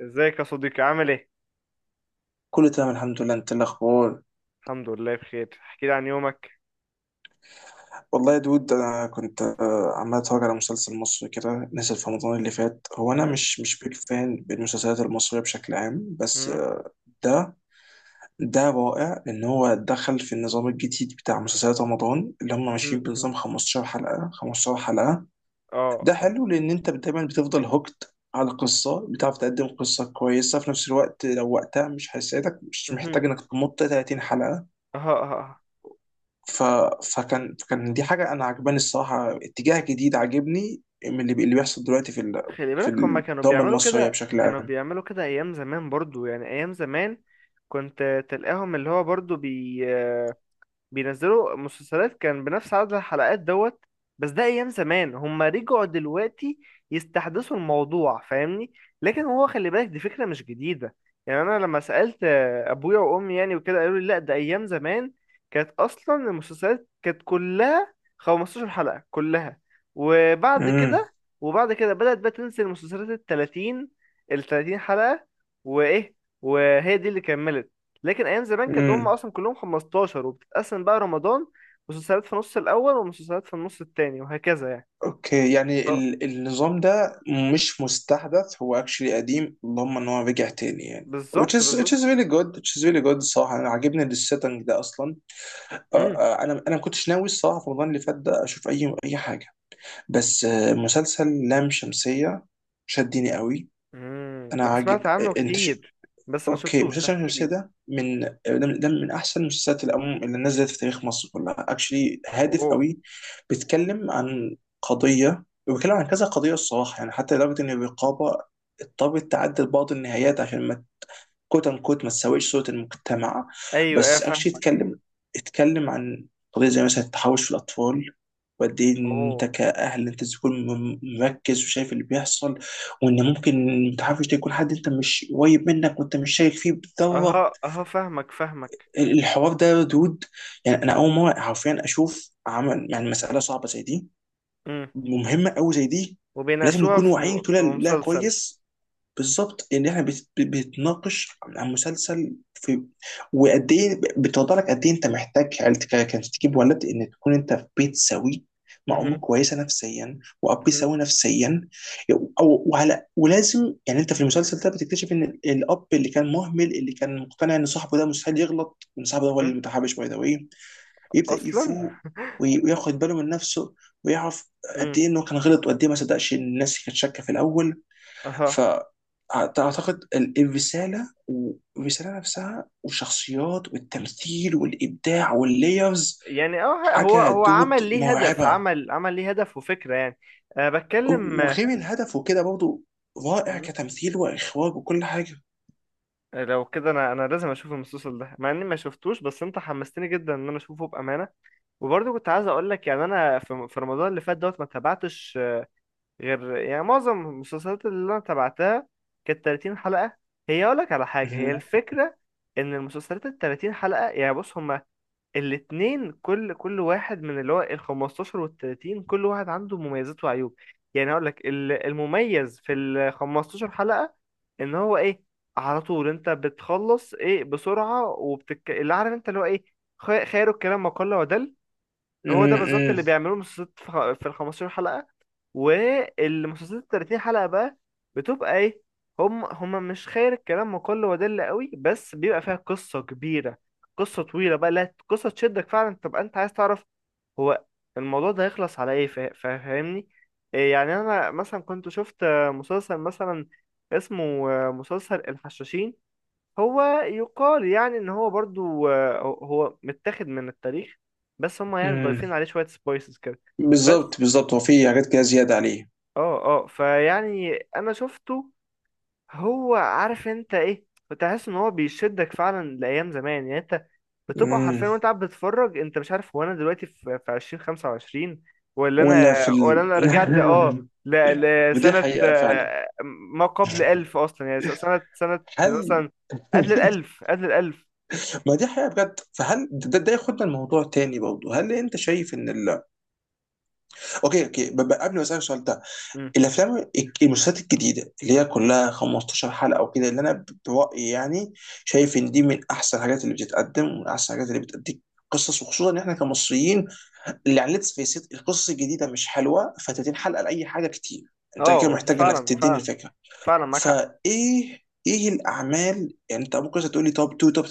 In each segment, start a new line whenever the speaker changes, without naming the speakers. ازيك يا صديقي؟ عامل ايه؟
كله تمام الحمد لله. انت إيه الاخبار؟
الحمد لله بخير. احكي لي عن يومك.
والله يا دود انا كنت عمال اتفرج على مسلسل مصري كده نزل في رمضان اللي فات. هو انا
مم،
مش بيك فان بالمسلسلات المصريه بشكل عام، بس
مم،
ده ده رائع ان هو دخل في النظام الجديد بتاع مسلسلات رمضان، اللي هم
مهم،
ماشيين
مهم.
بنظام 15 حلقه 15 حلقه.
اه
ده
اه.
حلو لان انت دايما بتفضل هوكت على قصة، بتعرف تقدم قصة كويسة في نفس الوقت. لو وقتها مش هيساعدك، مش
مهم.
محتاج انك تمط 30 حلقة.
اه اه اه.
ف... فكان دي حاجه انا عجباني الصراحه، اتجاه جديد عاجبني من اللي بيحصل دلوقتي
خلي
في
بالك، هما كانوا
الدراما
بيعملوا
المصريه
كده،
بشكل
كانوا
عام.
بيعملوا كده ايام زمان برضو، يعني ايام زمان كنت تلاقيهم اللي هو برضو بينزلوا مسلسلات كان بنفس عدد الحلقات دوت. بس ده ايام زمان، هما رجعوا دلوقتي يستحدثوا الموضوع، فاهمني. لكن هو خلي بالك، دي فكرة مش جديدة. يعني انا لما سألت ابويا وامي يعني وكده قالوا لي لا ده ايام زمان كانت اصلا المسلسلات كانت كلها 15 حلقة كلها. وبعد
امم
كده وبعد كده بدأت بقى تنزل المسلسلات ال 30 حلقة. وايه، وهي دي اللي كملت. لكن ايام زمان كانت هم
امم
اصلا كلهم 15، وبتتقسم بقى رمضان مسلسلات في النص الاول ومسلسلات في النص التاني وهكذا يعني.
اوكي، يعني
اه،
النظام ده مش مستحدث، هو اكشلي قديم، اللهم ان هو رجع تاني يعني. which
بالظبط
is which
بالظبط.
is really good which is really good الصراحه، انا عاجبني السيتنج ده اصلا. آه،
امم،
آه، انا انا ما كنتش ناوي الصراحه في رمضان اللي فات ده اشوف اي حاجه، بس مسلسل لام شمسيه شدني قوي.
امم.
انا
انا
عاجب
سمعت عنه
انت.
كتير بس ما
اوكي، مسلسل
شفتوش،
شمس
احكي
شمسية
لي.
ده من احسن المسلسلات اللي نزلت في تاريخ مصر كلها. اكشلي هادف
اوه.
قوي، بيتكلم عن قضيه، وبيتكلم عن كذا قضيه الصراحه، يعني حتى لدرجه ان الرقابه اضطرت تعدل بعض النهايات عشان ما كوت ان كوت ما تساويش صوره المجتمع.
ايوه، ايه
بس اكشلي
فاهم.
يتكلم عن قضيه زي مثلا التحرش في الاطفال، وقد ايه انت
اوه.
كاهل انت تكون مركز وشايف اللي بيحصل، وان ممكن المتحرش ده يكون حد انت مش قريب منك وانت مش شايك فيه بالذره.
اها اها، فاهمك فاهمك.
الحوار ده دود، يعني انا اول مره حرفيا اشوف عمل يعني مساله صعبه زي دي
امم.
ومهمه قوي زي دي، ولازم
وبيناقشوها
نكون واعيين
في
كلها. لا
مسلسل.
كويس. بالظبط، ان احنا بتناقش عن مسلسل، في وقد ايه بتوضح لك قد ايه انت محتاج عيلتك عشان تجيب ولد، ان تكون انت في بيت سوي مع ام
امم.
كويسه نفسيا واب سوي نفسيا. أو وعلى ولازم يعني انت في المسلسل ده بتكتشف ان الاب اللي كان مهمل، اللي كان مقتنع ان صاحبه ده مستحيل يغلط، ان صاحبه ده هو اللي متحابش باي ذا واي، يبدا
اصلا.
يفوق وياخد باله من نفسه ويعرف
امم.
قد ايه انه كان غلط، وقد ايه ما صدقش الناس اللي كانت شاكه في الاول.
اها.
فأعتقد الرسالة والرسالة نفسها، والشخصيات والتمثيل والإبداع والليرز،
يعني اه هو
حاجة
هو
دود
عمل ليه هدف،
مرعبة.
عمل ليه هدف وفكرة يعني. أه، بتكلم.
وغير الهدف وكده، برضه رائع كتمثيل وإخراج وكل حاجة.
لو كده انا لازم اشوف المسلسل ده، مع اني ما شفتوش، بس انت حمستني جدا ان انا اشوفه بامانه. وبرضه كنت عايز اقول لك، يعني انا في رمضان اللي فات دوت ما تابعتش غير، يعني معظم المسلسلات اللي انا تابعتها كانت 30 حلقه. هي اقول لك على حاجه، هي
مهم.
الفكره ان المسلسلات ال 30 حلقه، يعني بص، هم الاتنين، كل واحد من اللي هو ال 15 وال 30، كل واحد عنده مميزات وعيوب. يعني هقول لك، المميز في ال 15 حلقة ان هو ايه؟ على طول انت بتخلص ايه بسرعة، وبتك اللي عارف انت اللي هو ايه، خير الكلام ما قل ودل. هو ده بالظبط
مم.
اللي بيعملوه مسلسلات في ال 15 حلقة. والمسلسلات ال 30 حلقة بقى بتبقى ايه؟ هم مش خير الكلام وكل ودل قوي، بس بيبقى فيها قصة كبيرة، قصة طويلة بقى، لا قصة تشدك فعلا تبقى انت عايز تعرف هو الموضوع ده هيخلص على ايه، فاهمني. إيه يعني، انا مثلا كنت شفت مسلسل مثلا اسمه، مسلسل الحشاشين. هو يقال يعني ان هو برضو هو متاخد من التاريخ، بس هم يعني
مم.
ضايفين عليه شوية سبايسز كده. بس
بالظبط بالظبط، هو في حاجات كده زيادة عليه.
اه فيعني انا شفته، هو عارف انت ايه، بتحس ان هو بيشدك فعلا لايام زمان، يعني انت بتبقى
مم.
حرفيا وانت قاعد بتتفرج انت مش عارف هو انا دلوقتي في 2025، ولا
ولا
انا، ولا انا رجعت
ودي
لسنة
حقيقة فعلا.
ما قبل ألف أصلا، يعني سنة
هل
مثلا، قبل الألف قبل الألف.
ما دي حقيقة بجد. فهل ده ياخدنا الموضوع تاني برضه. هل انت شايف ان اوكي اوكي، قبل ما اسالك السؤال ده، المسلسلات الجديده اللي هي
مم.
كلها 15 حلقه وكده، اللي انا برايي يعني شايف
مم.
ان دي من احسن الحاجات اللي بتتقدم ومن احسن الحاجات اللي بتديك قصص، وخصوصا ان احنا كمصريين اللي على ليتس فيس، القصص الجديده مش حلوه ف 30 حلقه لاي حاجه كتير. انت كده
اه
محتاج انك
فعلا
تديني
فعلا،
الفكره.
فعلا معاك حق.
فايه الاعمال يعني، انت ممكن تقول لي توب 2 توب 3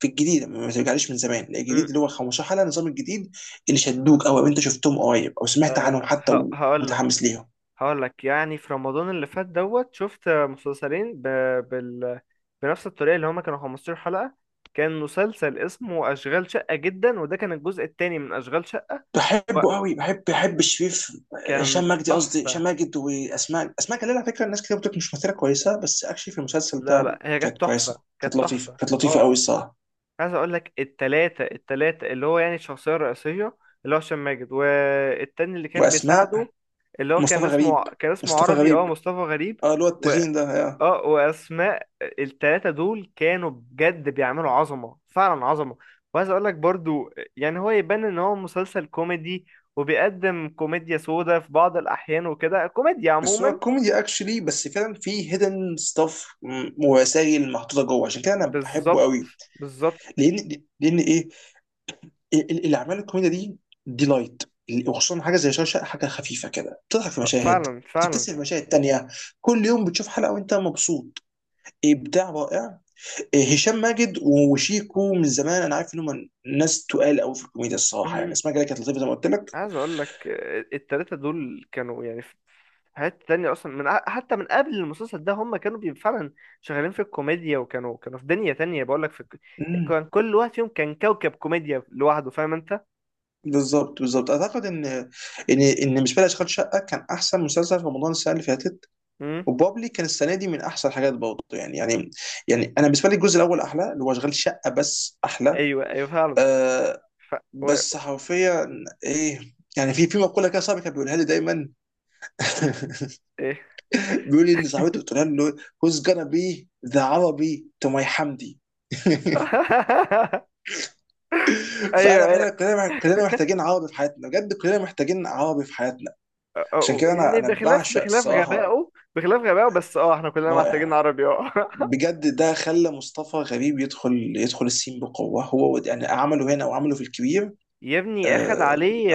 في الجديد؟ ما ترجعليش من زمان لا، الجديد
مم.
اللي هو 15 حلقه، النظام الجديد، اللي شدوك قوي، او انت شفتهم قريب، او سمعت
أه.
عنهم حتى
هقول لك
ومتحمس ليهم.
هقول لك يعني في رمضان اللي فات دوت شفت مسلسلين بال... بنفس الطريقة اللي هما كانوا 15 حلقة. كان مسلسل اسمه أشغال شقة جدا، وده كان الجزء التاني من أشغال شقة،
بحبه قوي، بحب شريف. هشام
وكان
مجدي، قصدي
تحفة.
هشام ماجد، واسماء جلال. على فكره الناس كتير بتقول مش ممثله كويسه، بس اكشلي في المسلسل
لا
ده
لا، هي
كانت
كانت تحفة،
كويسه، كانت
كانت
لطيفه
تحفة
كانت لطيفه
اه.
قوي الصراحه.
عايز اقول لك، التلاتة اللي هو يعني الشخصية الرئيسية اللي هو هشام ماجد، والتاني اللي كان
واسماء.
بيساعده اللي هو كان
مصطفى
اسمه
غريب
كان اسمه
مصطفى
عربي، اه
غريب
مصطفى غريب.
اه اللي هو
و
التخين.
اه واسماء التلاتة دول كانوا بجد بيعملوا عظمة، فعلا عظمة. وعايز اقول لك برضو يعني، هو يبان ان هو مسلسل كوميدي وبيقدم كوميديا سودا في بعض الاحيان وكده، كوميديا
بس
عموما.
هو كوميدي اكشلي، بس فعلا فيه هيدن ستاف ورسائل محطوطه جوه، عشان كده انا بحبه
بالظبط
قوي.
بالظبط.
لان ايه، الاعمال الكوميديه دي لايت، وخصوصا حاجه زي شاشه، حاجه خفيفه كده بتضحك في مشاهد،
فعلا فعلا.
بتبتسم في مشاهد تانية. كل يوم بتشوف حلقه وانت مبسوط. ابداع رائع. إيه، هشام ماجد وشيكو من زمان انا عارف انهم ناس تقال قوي في الكوميديا الصراحه، يعني اسمها كده، كانت لطيفه زي ما قلت
عايز اقول لك التلاتة دول كانوا يعني في، في حتة تانية اصلا حتى من قبل المسلسل ده هم كانوا فعلا شغالين في الكوميديا، وكانوا في دنيا تانية، بقول لك
لك.
كان كل واحد فيهم كان كوكب كوميديا لوحده، فاهم انت.
بالظبط بالظبط، اعتقد ان مش بالي اشغال شقه كان احسن مسلسل في رمضان السنه اللي فاتت،
امم.
وبابلي كان السنه دي من احسن الحاجات برضه، يعني يعني انا بالنسبه لي الجزء الاول احلى، اللي هو اشغال شقه، بس احلى.
ايوه ايوه فعلا.
آه
ف... و...
بس حرفيا ايه، يعني في مقوله كده صاحبي كان بيقولها لي دايما.
ايه.
بيقول لي ان صاحبته قلت لها له who's gonna be the عربي to my حمدي.
ايوه
فانا
ايوه.
فعلا كلنا محتاجين عربي في حياتنا، بجد كلنا محتاجين عربي في حياتنا. عشان كده انا
يعني
انا
بخلاف
بعشق
بخلاف
الصراحه.
غبائه، بخلاف غبائه، بس اه احنا كلنا محتاجين
رائع
عربي اه.
بجد. ده خلى مصطفى غريب يدخل السين بقوة. هو يعني عمله هنا وعمله في الكبير.
يا ابني اخد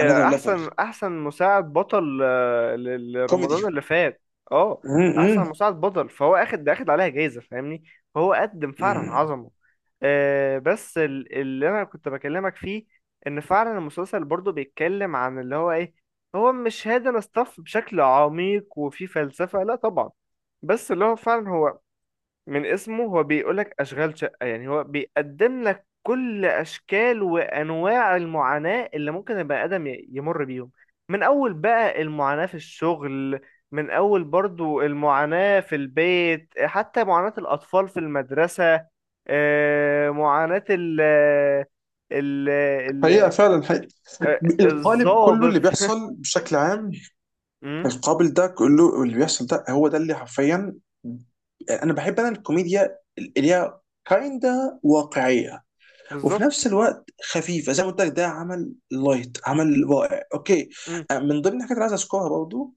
انذر ليفل
احسن مساعد بطل لرمضان
كوميدي.
اللي فات. اه، احسن مساعد بطل، فهو اخد عليها جايزة، فاهمني. فهو قدم فعلا عظمه. بس اللي انا كنت بكلمك فيه ان فعلا المسلسل برضو بيتكلم عن اللي هو ايه. هو مش هادن ستاف بشكل عميق وفي فلسفة، لا طبعا، بس اللي هو فعلا هو من اسمه، هو بيقولك أشغال شقة. يعني هو بيقدم لك كل أشكال وأنواع المعاناة اللي ممكن البني آدم يمر بيهم، من أول بقى المعاناة في الشغل، من أول برضو المعاناة في البيت، حتى معاناة الأطفال في المدرسة، معاناة ال ال-
حقيقة فعلا حقيقة. القالب كله
الضابط.
اللي بيحصل بشكل عام.
مم،
القابل ده كله اللي بيحصل، ده هو ده اللي حرفيا انا بحب انا، الكوميديا اللي هي كايندا واقعية وفي
بالظبط.
نفس الوقت خفيفة، زي ما قلت لك، ده عمل لايت، عمل رائع. اوكي.
مم.
من ضمن الحاجات اللي عايز اذكرها برضو،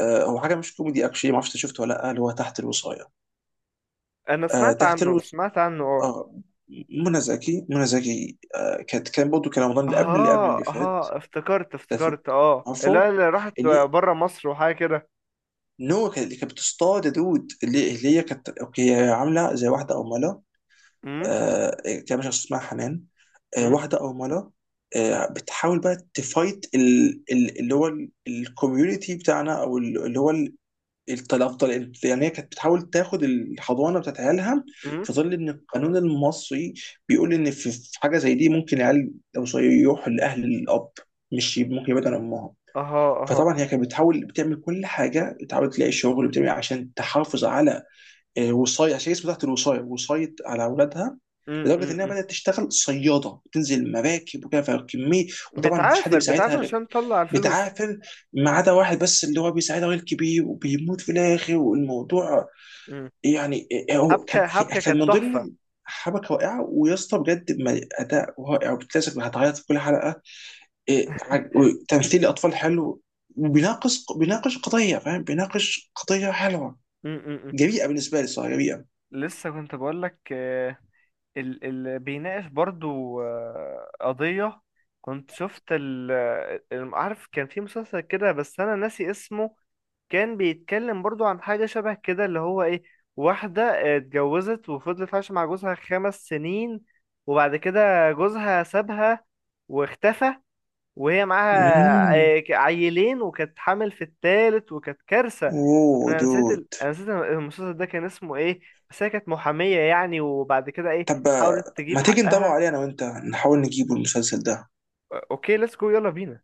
هو حاجه مش كوميدي اكشلي، ما اعرفش انت شفته ولا لا، اللي هو تحت الوصايه.
أنا سمعت
تحت
عنه،
الوصايه.
آه.
اه. منى زكي. كان برضه، كان رمضان اللي قبل اللي قبل
ها
اللي فات.
ها، افتكرت
ده فيلم.
اه، لا
عارفه
اللي راحت
اللي
بره مصر وحاجه كده.
اللي كانت بتصطاد يا دود، اللي هي كانت اوكي، هي عامله زي واحده ارمله،
امم،
إيه، كان مش عارف اسمها حنان.
امم،
واحده ارمله، بتحاول بقى تفايت اللي هو الكوميونتي بتاعنا، او اللي هو الطلاق. يعني هي كانت بتحاول تاخد الحضانه بتاعت عيالها،
امم.
في ظل ان القانون المصري بيقول ان في حاجه زي دي ممكن العيال لو صغير يروح لاهل الاب، مش ممكن يبعد عن امها.
اها اها.
فطبعا هي كانت بتحاول، بتعمل كل حاجه، بتحاول تلاقي شغل، بتعمل عشان تحافظ على وصاية، عشان اسمه تحت الوصاية، وصاية على اولادها.
امم،
لدرجه
امم،
انها بدات تشتغل صياده، بتنزل مراكب وكده، فكميه. وطبعا مفيش حد
بتعافر
بيساعدها
بتعافر
غير.
عشان تطلع الفلوس.
بتعافر. ما عدا واحد بس اللي هو بيساعدها، ويلكي بيه وبيموت في الاخر، والموضوع
امم.
يعني هو كان،
حبكه كانت
من
تحفه.
ضمن حبكه رائعه، ويا اسطى بجد، اداء رائع وبتلاسك، هتعيط في كل حلقه. إيه، وتمثيل الاطفال حلو. وبيناقش قضيه، فاهم، بيناقش قضيه حلوه،
امم،
جريئه بالنسبه لي صراحه، جريئه.
لسه كنت بقول لك ال بيناقش برضو قضيه، كنت شفت عارف كان في مسلسل كده، بس انا ناسي اسمه، كان بيتكلم برضو عن حاجة شبه كده اللي هو ايه: واحدة اتجوزت وفضلت عايشة مع جوزها 5 سنين، وبعد كده جوزها سابها واختفى، وهي معاها
امم
عيلين وكانت حامل في التالت وكانت كارثة.
اوه
انا
دود.
انا نسيت المسلسل ده كان اسمه ايه. بس هي كانت محامية يعني، وبعد كده ايه،
طب
حاولت تجيب
ما تيجي ندور
حقها.
عليه، انا وانت نحاول نجيبه المسلسل ده.
اوكي ليتس جو، يلا بينا.